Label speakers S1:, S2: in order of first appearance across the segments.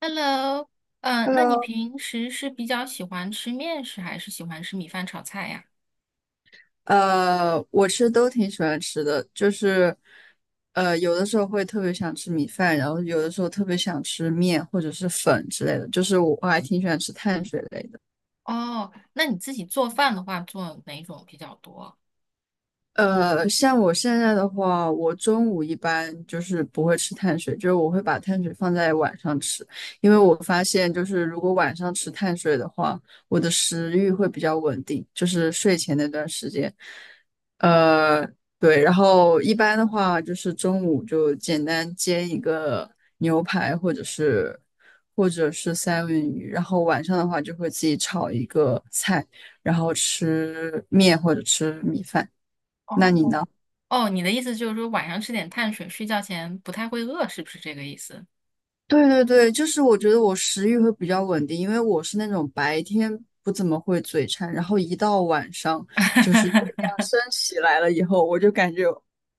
S1: Hello，那你
S2: Hello，
S1: 平时是比较喜欢吃面食，还是喜欢吃米饭炒菜呀？
S2: 我其实都挺喜欢吃的，就是，有的时候会特别想吃米饭，然后有的时候特别想吃面或者是粉之类的，就是我还挺喜欢吃碳水类的。
S1: 哦，那你自己做饭的话，做哪种比较多？
S2: 像我现在的话，我中午一般就是不会吃碳水，就是我会把碳水放在晚上吃，因为我发现就是如果晚上吃碳水的话，我的食欲会比较稳定，就是睡前那段时间。呃，对，然后一般的话就是中午就简单煎一个牛排或者是三文鱼，然后晚上的话就会自己炒一个菜，然后吃面或者吃米饭。那你
S1: 哦，
S2: 呢？
S1: 哦，你的意思就是说晚上吃点碳水，睡觉前不太会饿，是不是这个意思？
S2: 对对对，就是我觉得我食欲会比较稳定，因为我是那种白天不怎么会嘴馋，然后一到晚上就是月 亮升起来了以后，我就感觉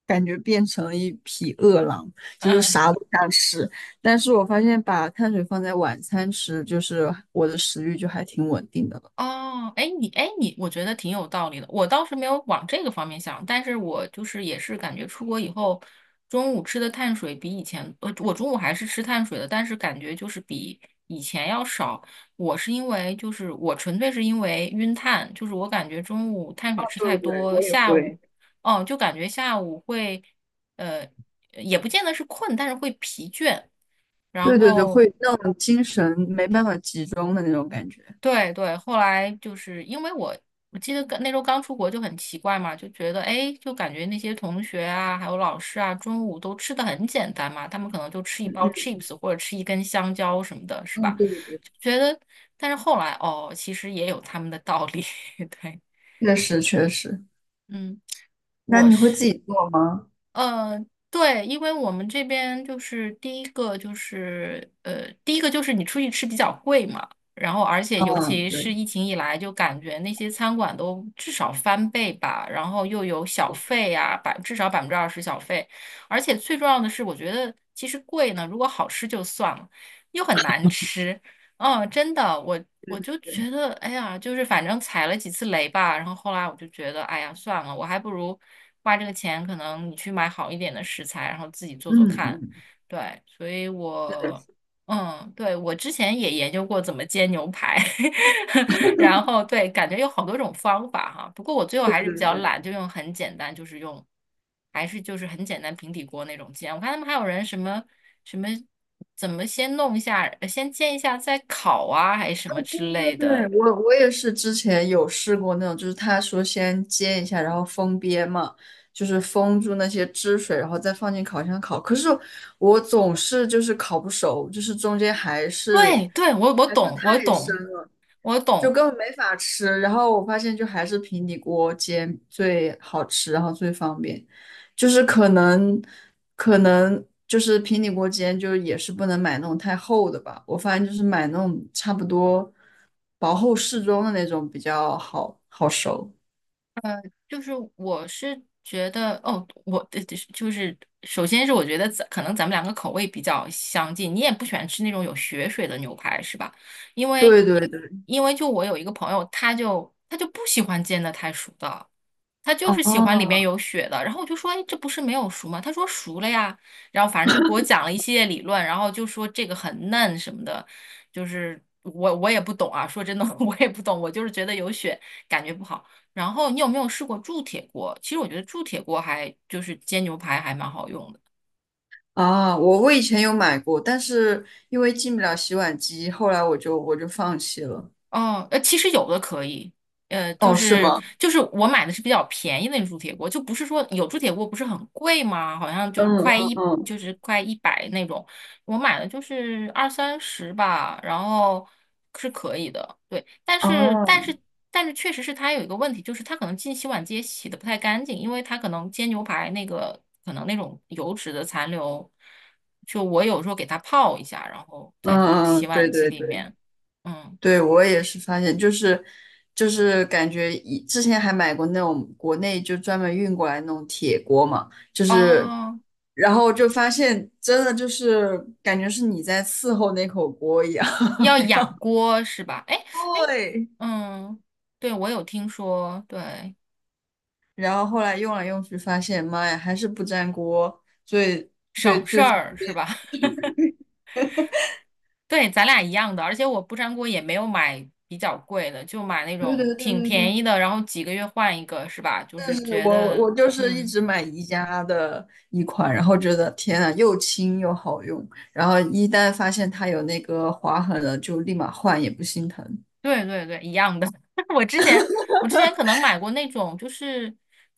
S2: 感觉变成了一匹饿狼，就是
S1: 嗯
S2: 啥都想吃。但是我发现把碳水放在晚餐吃，就是我的食欲就还挺稳定的了。
S1: 哦，哎，你，我觉得挺有道理的。我倒是没有往这个方面想，但是我就是也是感觉出国以后，中午吃的碳水比以前，我中午还是吃碳水的，但是感觉就是比以前要少。我是因为就是我纯粹是因为晕碳，就是我感觉中午碳
S2: 啊，
S1: 水吃太
S2: 对对，
S1: 多，
S2: 我也
S1: 下午，
S2: 会。
S1: 哦，就感觉下午会，呃，也不见得是困，但是会疲倦。然
S2: 对对对，
S1: 后
S2: 会那种精神没办法集中的那种感觉。
S1: 对对，后来就是因为我记得刚那时候刚出国就很奇怪嘛，就觉得哎，诶就感觉那些同学啊，还有老师啊，中午都吃的很简单嘛，他们可能就吃一包 chips 或者吃一根香蕉什么的，是
S2: 嗯，
S1: 吧？
S2: 对对对。
S1: 就觉得，但是后来哦，其实也有他们的道理，对，
S2: 确实确实，
S1: 嗯，
S2: 那
S1: 我
S2: 你会
S1: 是。
S2: 自己做吗？
S1: 呃，对，因为我们这边就是第一个就是你出去吃比较贵嘛，然后而且尤
S2: 嗯，
S1: 其
S2: 对，
S1: 是疫情以来，就感觉那些餐馆都至少翻倍吧，然后又有小
S2: 哦，
S1: 费呀、至少20%小费，而且最重要的是，我觉得其实贵呢，如果好吃就算了，又很难吃，嗯，真的，我就
S2: 对，
S1: 觉得，哎呀，就是反正踩了几次雷吧，然后后来我就觉得，哎呀，算了，我还不如花这个钱，可能你去买好一点的食材，然后自己做做
S2: 嗯
S1: 看。
S2: 嗯，
S1: 对，所以
S2: 是的，
S1: 我
S2: 是的。
S1: 嗯，对，我之前也研究过怎么煎牛排，然后对，感觉有好多种方法哈。不过我最后还
S2: 对
S1: 是比
S2: 对
S1: 较
S2: 对，
S1: 懒，就用很简单，就是用，还是就是很简单平底锅那种煎。我看他们还有人什么，怎么先弄一下，先煎一下再烤啊，还是什么
S2: 对
S1: 之类
S2: 对
S1: 的。
S2: 对，我也是之前有试过那种，就是他说先煎一下，然后封边嘛，就是封住那些汁水，然后再放进烤箱烤。可是我总是就是烤不熟，就是中间还是。
S1: 对对，我懂，我懂，
S2: 太
S1: 我
S2: 就
S1: 懂。
S2: 根本没法吃。然后我发现，就还是平底锅煎最好吃，然后最方便。就是可能，可能就是平底锅煎，就也是不能买那种太厚的吧。我发现就是买那种差不多薄厚适中的那种比较好熟。
S1: 就是我是觉得哦，我的就是首先是我觉得可能咱们两个口味比较相近，你也不喜欢吃那种有血水的牛排是吧？因为
S2: 对对对，
S1: 因为就我有一个朋友，他就不喜欢煎的太熟的，他就是喜欢里面
S2: 哦
S1: 有血的。然后我就说，哎，这不是没有熟吗？他说熟了呀。然后反正就给我讲了一系列理论，然后就说这个很嫩什么的，就是我也不懂啊。说真的 我也不懂，我就是觉得有血感觉不好。然后你有没有试过铸铁锅？其实我觉得铸铁锅还就是煎牛排还蛮好用的。
S2: 啊，我以前有买过，但是因为进不了洗碗机，后来我就放弃了。
S1: 哦，其实有的可以，就
S2: 哦，是
S1: 是
S2: 吗？
S1: 就是我买的是比较便宜的那种铸铁锅，就不是说有铸铁锅不是很贵吗？好像就是
S2: 嗯嗯
S1: 快一百那种，我买的就是二三十吧，然后是可以的，对，但
S2: 嗯，
S1: 是
S2: 哦，
S1: 但是但是确实是它有一个问题，就是它可能进洗碗机也洗的不太干净，因为它可能煎牛排那个可能那种油脂的残留，就我有时候给它泡一下，然后再放
S2: 嗯嗯，
S1: 洗碗
S2: 对
S1: 机
S2: 对
S1: 里
S2: 对。
S1: 面，嗯。
S2: 对，我也是发现，就是就是感觉以之前还买过那种国内就专门运过来那种铁锅嘛，就是
S1: 哦，
S2: 然后就发现真的就是感觉是你在伺候那口锅一样。
S1: 要养锅是吧？哎哎，
S2: 对，
S1: 嗯，对，我有听说，对，
S2: 然后后来用来用去发现，妈呀，还是不粘锅。所以，
S1: 省事儿是吧？对，咱俩一样的，而且我不粘锅也没有买比较贵的，就买那
S2: 对对
S1: 种
S2: 对
S1: 挺
S2: 对
S1: 便
S2: 对，
S1: 宜的，然后几个月换一个是吧？就是
S2: 是
S1: 觉
S2: 我
S1: 得，
S2: 我就是一
S1: 嗯。
S2: 直买宜家的一款，然后觉得天呐，又轻又好用，然后一旦发现它有那个划痕了，就立马换，也不心疼。
S1: 对对对，一样的。我之前我之前可能买过那种，就是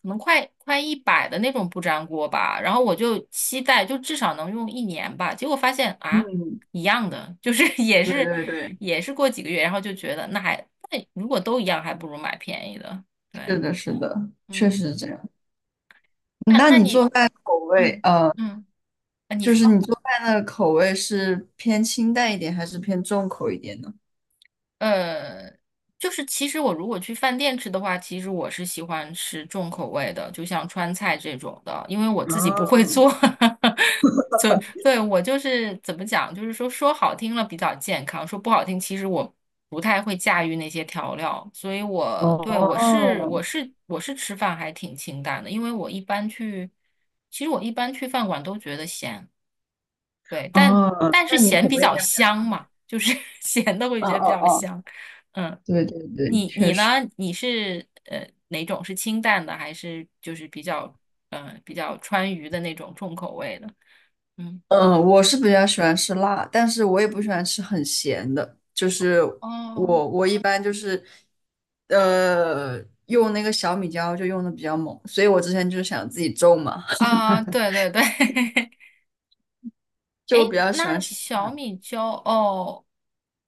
S1: 可能快一百的那种不粘锅吧，然后我就期待就至少能用1年吧，结果发现啊，
S2: 嗯，
S1: 一样的，就是 也
S2: 对
S1: 是
S2: 对对，
S1: 也是过几个月，然后就觉得那如果都一样，还不如买便宜的。
S2: 是
S1: 对，
S2: 的，是的，确实
S1: 嗯，
S2: 是这样。
S1: 那
S2: 那
S1: 那
S2: 你
S1: 你
S2: 做饭口味，
S1: 嗯嗯，啊你
S2: 就是你
S1: 说。
S2: 做饭的口味是偏清淡一点，还是偏重口一点呢？
S1: 呃，就是其实我如果去饭店吃的话，其实我是喜欢吃重口味的，就像川菜这种的，因为我
S2: 啊，
S1: 自己不会做，所以对我就是怎么讲，就是说说好听了比较健康，说不好听，其实我不太会驾驭那些调料，所以我对我是
S2: 哦，
S1: 我是我是吃饭还挺清淡的，因为我一般去，其实我一般去饭馆都觉得咸。对，但
S2: 哦，
S1: 但是
S2: 那你
S1: 咸
S2: 口
S1: 比
S2: 味应
S1: 较
S2: 该比较……
S1: 香嘛，就是 咸的会
S2: 哦
S1: 觉得比
S2: 哦
S1: 较
S2: 哦，
S1: 香。嗯，
S2: 对对对，
S1: 你
S2: 确
S1: 你呢？
S2: 实。
S1: 你是哪种是清淡的，还是就是比较川渝的那种重口味的？嗯，
S2: 嗯，我是比较喜欢吃辣，但是我也不喜欢吃很咸的。就是
S1: 哦，
S2: 我一般就是，呃，用那个小米椒就用的比较猛，所以我之前就是想自己种嘛。
S1: 啊，对对对，
S2: 就我
S1: 诶，
S2: 比较喜
S1: 那
S2: 欢吃
S1: 小米椒哦，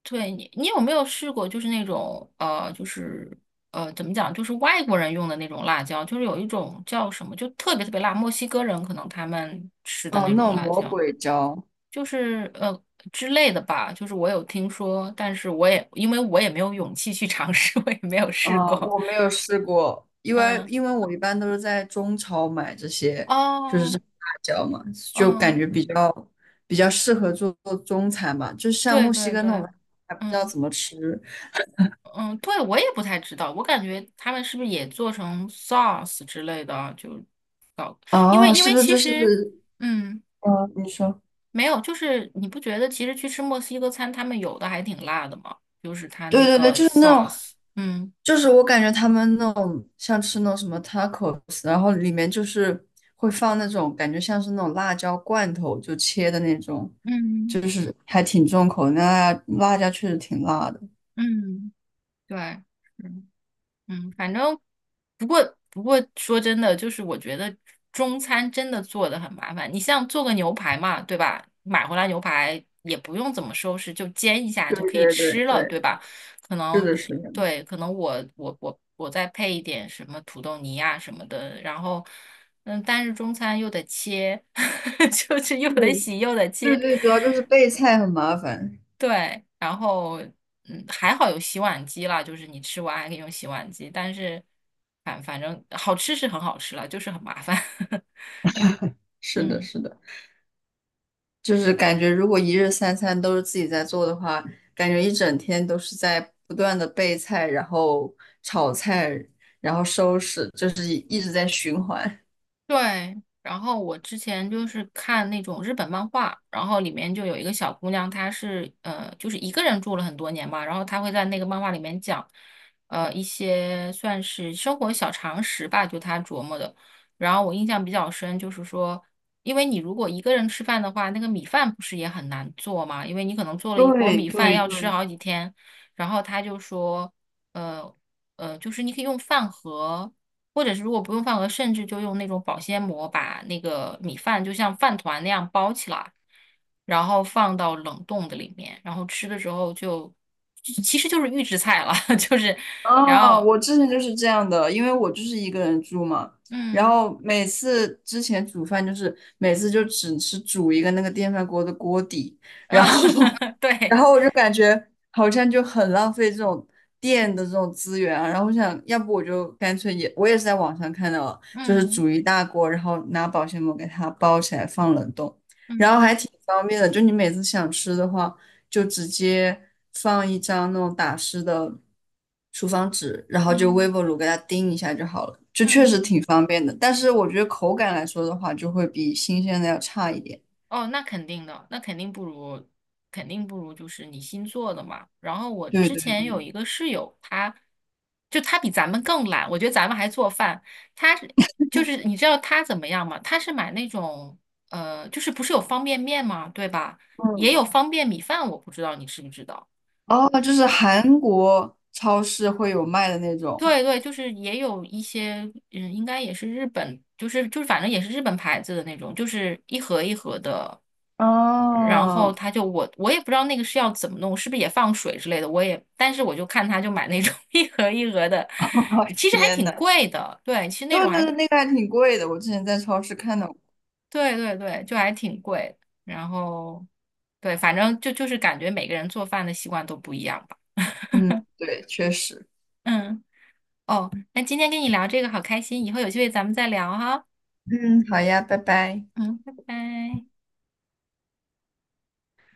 S1: 对，你有没有试过？就是那种就是怎么讲？就是外国人用的那种辣椒，就是有一种叫什么，就特别特别辣，墨西哥人可能他们吃的
S2: 哦
S1: 那种
S2: 那种
S1: 辣
S2: 魔
S1: 椒，
S2: 鬼椒，
S1: 就是之类的吧。就是我有听说，但是我也因为我也没有勇气去尝试，我也没有试
S2: 呃，
S1: 过。
S2: 我没有试过，因为
S1: 嗯，
S2: 我一般都是在中超买这些，就是
S1: 哦，
S2: 这种辣椒嘛，就感
S1: 嗯，
S2: 觉比较适合做做中餐吧，就像
S1: 对
S2: 墨西
S1: 对
S2: 哥那
S1: 对，
S2: 种还不知道
S1: 嗯。
S2: 怎么吃
S1: 嗯，对，我也不太知道，我感觉他们是不是也做成 sauce 之类的啊，就搞，因为
S2: 哦，
S1: 因
S2: 是
S1: 为
S2: 不是
S1: 其
S2: 就是
S1: 实，嗯，
S2: 嗯、你说。
S1: 没有，就是你不觉得其实去吃墨西哥餐，他们有的还挺辣的吗？就是他
S2: 对
S1: 那
S2: 对对，
S1: 个
S2: 就是那种，
S1: sauce，嗯
S2: 就是我感觉他们那种像吃那种什么 tacos,然后里面就是会放那种感觉像是那种辣椒罐头，就切的那种，
S1: 嗯
S2: 就是还挺重口的，那辣椒确实挺辣的。
S1: 嗯，对。是嗯，反正不过说真的，就是我觉得中餐真的做的很麻烦。你像做个牛排嘛，对吧？买回来牛排也不用怎么收拾，就煎一下
S2: 对
S1: 就可以
S2: 对对对，
S1: 吃了，对吧？可
S2: 是
S1: 能
S2: 的，是的。
S1: 对，可能我再配一点什么土豆泥啊什么的，然后嗯，但是中餐又得切，就是又得
S2: 对
S1: 洗又得
S2: 对
S1: 切，
S2: 对，主要就是备菜很麻烦。
S1: 对，然后嗯，还好有洗碗机啦，就是你吃完还可以用洗碗机，但是反正好吃是很好吃了，就是很麻烦。
S2: 是的，
S1: 嗯。
S2: 是的。就是感觉如果一日三餐都是自己在做的话，感觉一整天都是在不断的备菜，然后炒菜，然后收拾，就是一直在循环。
S1: 对，然后我之前就是看那种日本漫画，然后里面就有一个小姑娘，她是就是一个人住了很多年嘛，然后她会在那个漫画里面讲，一些算是生活小常识吧，就她琢磨的。然后我印象比较深，就是说，因为你如果一个人吃饭的话，那个米饭不是也很难做嘛，因为你可能做了一锅
S2: 对
S1: 米饭
S2: 对
S1: 要吃
S2: 对，
S1: 好几天。然后她就说，呃就是你可以用饭盒。或者是如果不用饭盒，甚至就用那种保鲜膜把那个米饭就像饭团那样包起来，然后放到冷冻的里面，然后吃的时候就其实就是预制菜了，就是然
S2: 啊，
S1: 后
S2: 我之前就是这样的，因为我就是一个人住嘛，然
S1: 嗯
S2: 后每次之前煮饭就是每次就只是煮一个那个电饭锅的锅底，
S1: 啊
S2: 然
S1: 对
S2: 后我就感觉好像就很浪费这种电的这种资源啊。然后我想要不我就干脆也，我也是在网上看到了就是
S1: 嗯
S2: 煮一大锅，然后拿保鲜膜给它包起来放冷冻，然后
S1: 嗯
S2: 还挺方便的。就你每次想吃的话，就直接放一张那种打湿的厨房纸，然
S1: 嗯
S2: 后就微
S1: 嗯。
S2: 波炉给它叮一下就好了，就确实
S1: 嗯
S2: 挺方便的。但是我觉得口感来说的话，就会比新鲜的要差一点。
S1: 哦，那肯定的，那肯定不如，肯定不如就是你新做的嘛。然后我
S2: 对
S1: 之
S2: 对
S1: 前有
S2: 对，
S1: 一个室友，他比咱们更懒，我觉得咱们还做饭，他是就是你知道他怎么样吗？他是买那种就是不是有方便面吗？对吧？也有
S2: 嗯。
S1: 方便米饭，我不知道你知不知道。
S2: 哦，就是韩国超市会有卖的那种。
S1: 对对，就是也有一些，嗯，应该也是日本，就是反正也是日本牌子的那种，就是一盒一盒的，然后
S2: 哦，
S1: 他就我也不知道那个是要怎么弄，是不是也放水之类的，我也，但是我就看他就买那种 一盒一盒的，其实还
S2: 天
S1: 挺
S2: 呐，
S1: 贵的，对，其实那
S2: 对
S1: 种
S2: 对
S1: 还
S2: 对，那个还挺贵的，我之前在超市看到过。
S1: 对对对，就还挺贵的，然后对，反正就是感觉每个人做饭的习惯都不一样吧，
S2: 嗯，对，确实。
S1: 嗯，哦，那今天跟你聊这个好开心，以后有机会咱们再聊哈。
S2: 嗯，好呀，拜拜。
S1: 嗯，拜拜。